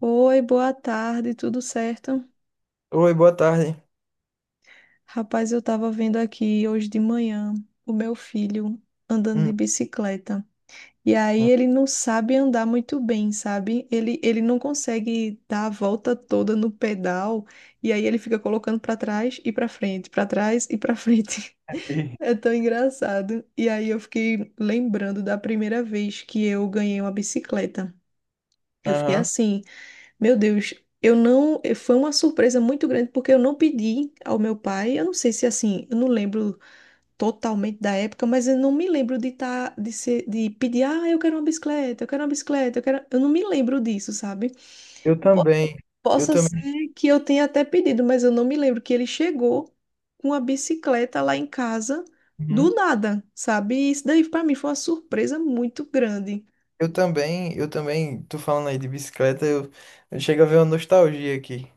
Oi, boa tarde, tudo certo? Oi, boa tarde. Rapaz, eu tava vendo aqui hoje de manhã o meu filho andando de Hum, bicicleta. E aí hum. ele não sabe andar muito bem, sabe? Ele não consegue dar a volta toda no pedal e aí ele fica colocando pra trás e pra frente, pra trás e pra frente. E- É tão engraçado. E aí eu fiquei lembrando da primeira vez que eu ganhei uma bicicleta. Eu fiquei Aham. assim, meu Deus, eu não. Foi uma surpresa muito grande, porque eu não pedi ao meu pai. Eu não sei se assim, eu não lembro totalmente da época, mas eu não me lembro de tá, de ser, de pedir, ah, eu quero uma bicicleta, eu quero uma bicicleta, eu quero. Eu não me lembro disso, sabe? Eu E po- também. Eu Possa também. ser que eu tenha até pedido, mas eu não me lembro que ele chegou com a bicicleta lá em casa do Uhum. nada, sabe? E isso daí pra mim foi uma surpresa muito grande. Eu também. Eu também. Tô falando aí de bicicleta. Eu chego a ver uma nostalgia aqui.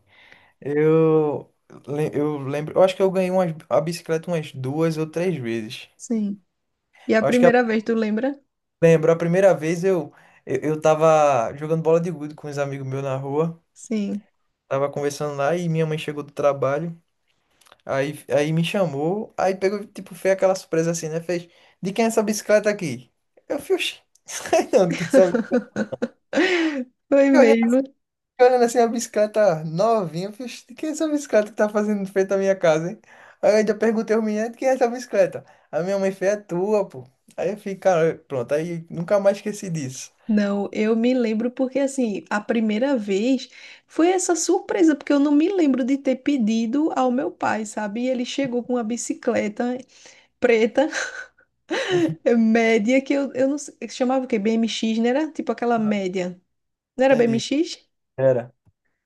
Eu, eu lembro. Eu acho que eu ganhei a bicicleta umas duas ou três vezes. Sim. E a Eu acho que primeira vez, tu lembra? lembro. A primeira vez eu tava jogando bola de gude com uns amigos meus na rua. Sim. Tava conversando lá e minha mãe chegou do trabalho. Aí me chamou, aí pegou, tipo, fez aquela surpresa assim, né? Fez, de quem é essa bicicleta aqui? Eu fui, "Oxi, sei não, de quem é essa bicicleta? Foi Olhando, mesmo. olhando assim a bicicleta novinha, eu fui, "Oxi, de quem é essa bicicleta que tá fazendo frente à minha casa, hein? Aí eu ainda perguntei ao menino, de quem é essa bicicleta? A minha mãe fez, é tua, pô. Aí eu fiquei, cara, pronto, aí nunca mais esqueci disso. Não, eu me lembro porque assim, a primeira vez foi essa surpresa, porque eu não me lembro de ter pedido ao meu pai, sabe? E ele chegou com uma bicicleta preta, média, que eu não sei, chamava o quê? BMX, não era? Tipo aquela média. Não era Entendi. BMX? Era.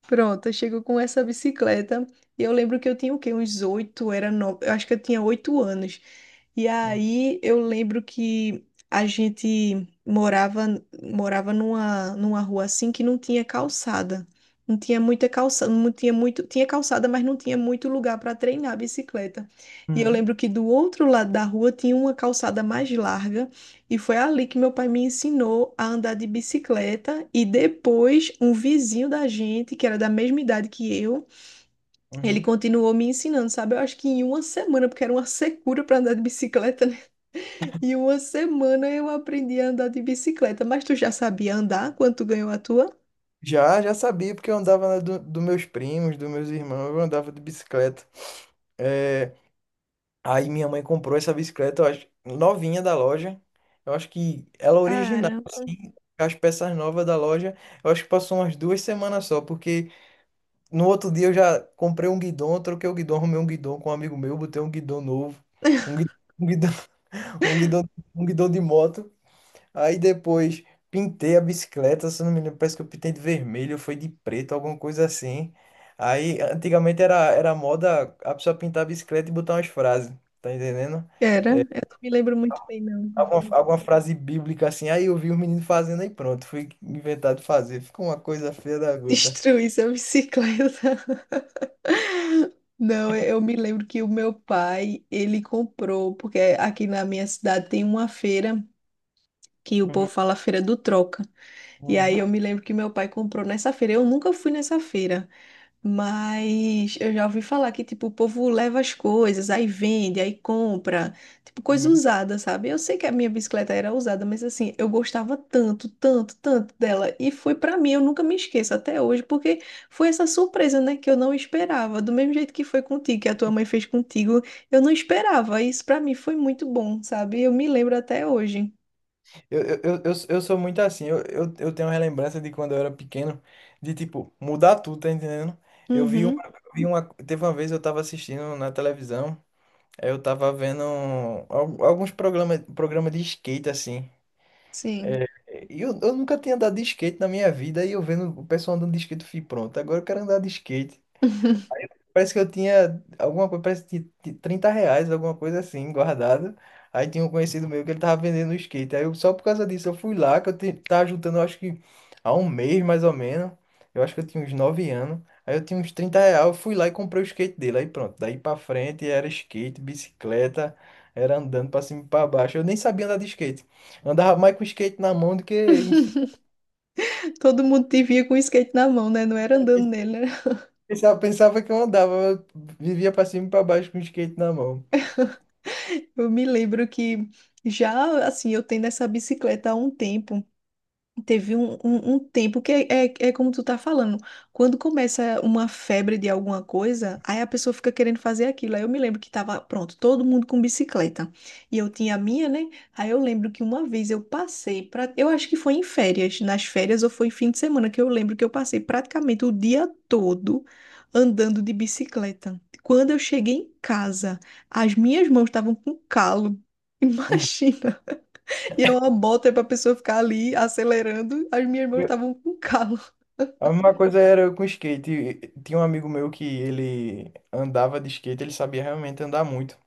Pronto, eu chego com essa bicicleta. E eu lembro que eu tinha o quê? Uns oito, era nove, eu acho que eu tinha 8 anos. E aí eu lembro que a gente morava numa rua assim que não tinha calçada. Não tinha muita calçada, não tinha muito, tinha calçada, mas não tinha muito lugar para treinar a bicicleta. E eu Uhum, lembro que do outro lado da rua tinha uma calçada mais larga e foi ali que meu pai me ensinou a andar de bicicleta. E depois, um vizinho da gente, que era da mesma idade que eu, ele uhum. continuou me ensinando, sabe? Eu acho que em uma semana, porque era uma secura para andar de bicicleta, né? Em uma semana eu aprendi a andar de bicicleta. Mas tu já sabia andar quando tu ganhou a tua? Já, já sabia, porque eu andava dos meus primos, dos meus irmãos, eu andava de bicicleta. É. Aí minha mãe comprou essa bicicleta, eu acho, novinha da loja. Eu acho que ela é original, Cara, as peças novas da loja. Eu acho que passou umas 2 semanas só, porque no outro dia eu já comprei um guidão, troquei o guidão, arrumei um guidão com um amigo meu, botei um guidão novo, um guidão, um guidão, um guidão, um guidão de moto. Aí depois pintei a bicicleta, se eu não me lembro, parece que eu pintei de vermelho, foi de preto, alguma coisa assim. Aí antigamente era moda a pessoa pintar a bicicleta e botar umas frases, tá entendendo? era. Eu não me lembro muito bem, não. Alguma frase bíblica assim, aí eu vi os meninos fazendo aí pronto, fui inventado fazer. Ficou uma coisa feia da gota. Destruís a bicicleta. Não, eu me lembro que o meu pai, ele comprou, porque aqui na minha cidade tem uma feira que o povo Uhum, fala Feira do Troca. E uhum, aí eu me lembro que meu pai comprou nessa feira. Eu nunca fui nessa feira. Mas eu já ouvi falar que, tipo, o povo leva as coisas, aí vende, aí compra, tipo, coisa uhum. usada, sabe? Eu sei que a minha bicicleta era usada, mas assim, eu gostava tanto, tanto, tanto dela. E foi pra mim, eu nunca me esqueço até hoje, porque foi essa surpresa, né, que eu não esperava. Do mesmo jeito que foi contigo, que a tua mãe fez contigo, eu não esperava. Isso pra mim foi muito bom, sabe? Eu me lembro até hoje. Eu sou muito assim, eu tenho uma relembrança de quando eu era pequeno, de tipo, mudar tudo, tá entendendo? Eu vi uma, Uhum, eu vi uma, teve uma vez eu tava assistindo na televisão, aí eu tava vendo alguns programas, programa de skate assim. sim. E eu nunca tinha andado de skate na minha vida, e eu vendo o pessoal andando de skate, eu fui pronto, agora eu quero andar de skate. Parece que eu tinha alguma coisa, parece que tinha R$ 30, alguma coisa assim, guardado. Aí tinha um conhecido meu que ele tava vendendo um skate. Aí eu, só por causa disso eu fui lá, que eu tava juntando, eu acho que há um mês mais ou menos. Eu acho que eu tinha uns 9 anos. Aí eu tinha uns R$ 30, eu fui lá e comprei o skate dele. Aí pronto, daí pra frente era skate, bicicleta, era andando pra cima e pra baixo. Eu nem sabia andar de skate. Eu andava mais com o skate na mão do que em cima. Todo mundo te via com o skate na mão, né? Não era andando nele, né? Pensava que eu andava, eu vivia pra cima e pra baixo com o skate na mão. Eu me lembro que já, assim, eu tenho essa bicicleta há um tempo. Teve um tempo que é como tu tá falando. Quando começa uma febre de alguma coisa, aí a pessoa fica querendo fazer aquilo. Aí eu me lembro que tava, pronto, todo mundo com bicicleta. E eu tinha a minha, né? Aí eu lembro que uma vez eu passei pra, eu acho que foi em férias, nas férias ou foi em fim de semana, que eu lembro que eu passei praticamente o dia todo andando de bicicleta. Quando eu cheguei em casa, as minhas mãos estavam com calo. Imagina. E eu uma bota pra pessoa ficar ali acelerando. As minhas irmãs estavam com calo. A mesma coisa era com skate. Tinha um amigo meu que ele andava de skate, ele sabia realmente andar muito.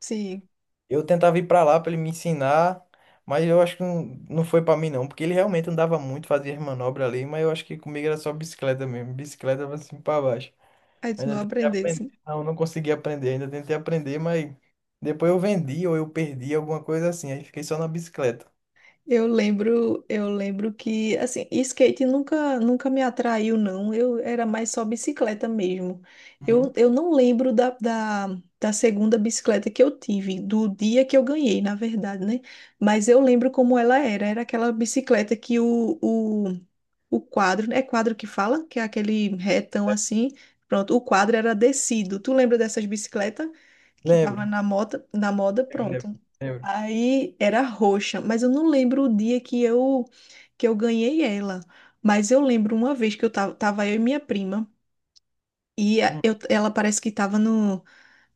Sim, Eu tentava ir pra lá pra ele me ensinar, mas eu acho que não, não foi pra mim não, porque ele realmente andava muito, fazia as manobras ali, mas eu acho que comigo era só bicicleta mesmo, bicicleta assim pra baixo. aí tu não Ainda tentei aprender, aprendesse. não, não consegui aprender, ainda tentei aprender, mas depois eu vendi ou eu perdi alguma coisa assim, aí fiquei só na bicicleta. Eu lembro que assim, skate nunca, nunca me atraiu, não. Eu era mais só bicicleta mesmo. Eu, Uhum. eu não lembro da segunda bicicleta que eu tive, do dia que eu ganhei, na verdade, né? Mas eu lembro como ela era. Era aquela bicicleta que O quadro, é quadro que fala, que é aquele retão É. assim. Pronto, o quadro era descido. Tu lembra dessas bicicletas que tava Lembro, na moda, lembro, pronto. lembro. Aí era roxa, mas eu não lembro o dia que eu ganhei ela. Mas eu lembro uma vez que eu tava eu e minha prima e Hum. Ela parece que tava no,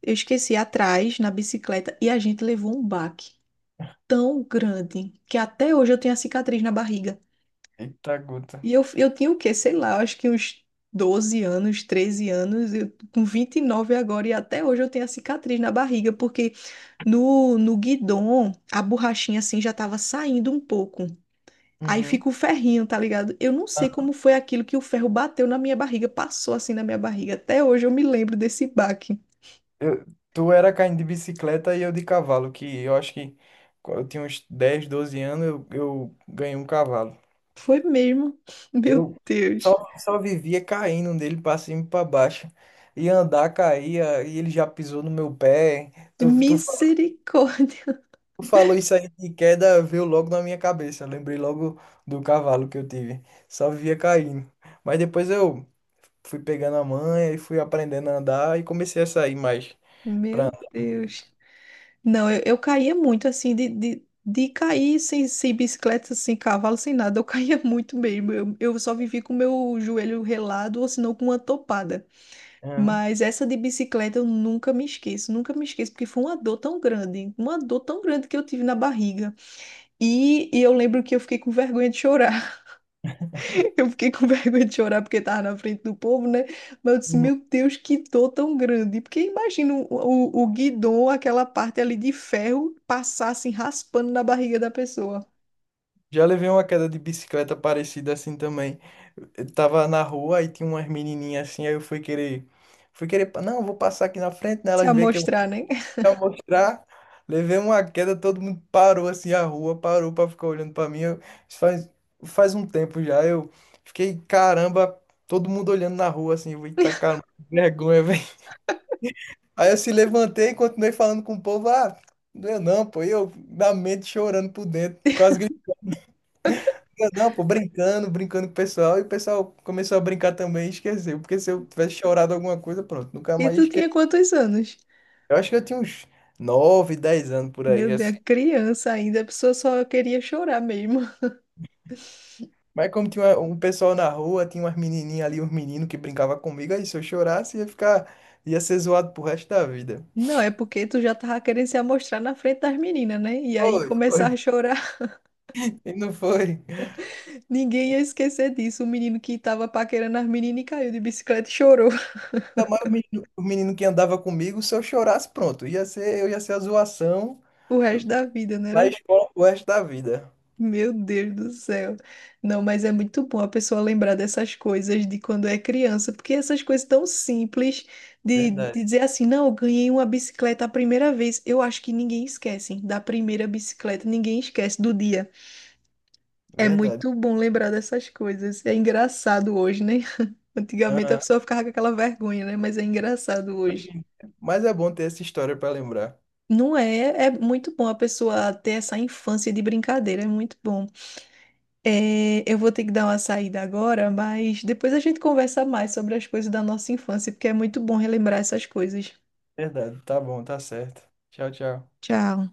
eu esqueci atrás na bicicleta e a gente levou um baque tão grande que até hoje eu tenho a cicatriz na barriga. Eita, gota. E eu tinha o quê? Sei lá, acho que uns 12 anos, 13 anos, eu, com 29 agora, e até hoje eu tenho a cicatriz na barriga, porque no guidon a borrachinha assim já tava saindo um pouco. Aí Uhum. fica o ferrinho, tá ligado? Eu não sei como foi aquilo que o ferro bateu na minha barriga, passou assim na minha barriga. Até hoje eu me lembro desse baque. Eu- tu era caindo de bicicleta e eu de cavalo, que eu acho que quando eu tinha uns 10 12 anos, eu ganhei um cavalo. Foi mesmo? Meu Eu Deus. só vivia caindo dele pra cima e pra baixo. E andar, caía, e ele já pisou no meu pé. Tu, tu, fa- Misericórdia. tu falou isso aí de queda, veio logo na minha cabeça. Lembrei logo do cavalo que eu tive. Só vivia caindo. Mas depois eu fui pegando a manha e fui aprendendo a andar e comecei a sair mais. Meu Deus. Não, eu caía muito, assim, de cair sem bicicleta, sem cavalo, sem nada. Eu caía muito mesmo. Eu só vivi com meu joelho relado ou senão com uma topada. Aham. Mas essa de bicicleta eu nunca me esqueço, nunca me esqueço, porque foi uma dor tão grande, uma dor tão grande que eu tive na barriga. E eu lembro que eu fiquei com vergonha de chorar. Eu fiquei com vergonha de chorar porque estava na frente do povo, né? Mas eu disse, meu Deus, que dor tão grande. Porque imagina o guidão, aquela parte ali de ferro, passar assim, raspando na barriga da pessoa. Já levei uma queda de bicicleta parecida assim também. Eu tava na rua e tinha umas menininhas assim, aí eu fui querer, não, vou passar aqui na frente, né? Se Elas veem que eu amostrar, né? quero mostrar. Levei uma queda, todo mundo parou assim a rua, parou pra ficar olhando pra mim. Isso faz um tempo já, eu fiquei, caramba, todo mundo olhando na rua assim, eu, vou eita caramba, que vergonha, velho. Aí eu se levantei e continuei falando com o povo, ah, não, doeu não, pô, e eu na mente chorando por dentro, quase. Não, pô, brincando, brincando com o pessoal, e o pessoal começou a brincar também e esqueceu, porque se eu tivesse chorado alguma coisa, pronto, nunca E mais tu tinha esqueci. quantos anos? Eu acho que eu tinha uns 9 10 anos por Meu aí, Deus, é assim. criança ainda, a pessoa só queria chorar mesmo. Mas como tinha um pessoal na rua, tinha umas menininhas ali, uns meninos que brincavam comigo, aí se eu chorasse, ia ficar, ia ser zoado pro resto da vida. Não, é porque tu já tava querendo se amostrar na frente das meninas, né? E aí Foi, foi, começar a chorar, e não foi. ninguém ia esquecer disso. O menino que tava paquerando as meninas e caiu de bicicleta e chorou Ainda mais o menino que andava comigo, se eu chorasse, pronto, eu ia ser a zoação o resto da vida, na né? escola pro resto da vida. Meu Deus do céu. Não, mas é muito bom a pessoa lembrar dessas coisas de quando é criança, porque essas coisas tão simples Verdade, de dizer assim, não, eu ganhei uma bicicleta a primeira vez. Eu acho que ninguém esquece, hein, da primeira bicicleta, ninguém esquece do dia. É verdade. muito bom lembrar dessas coisas. É engraçado hoje, né? Antigamente a pessoa ficava com aquela vergonha, né? Mas é engraçado hoje. Mas é bom ter essa história para lembrar. Não é? É muito bom a pessoa ter essa infância de brincadeira, é muito bom. É, eu vou ter que dar uma saída agora, mas depois a gente conversa mais sobre as coisas da nossa infância, porque é muito bom relembrar essas coisas. Verdade, tá bom, tá certo. Tchau, tchau. Tchau.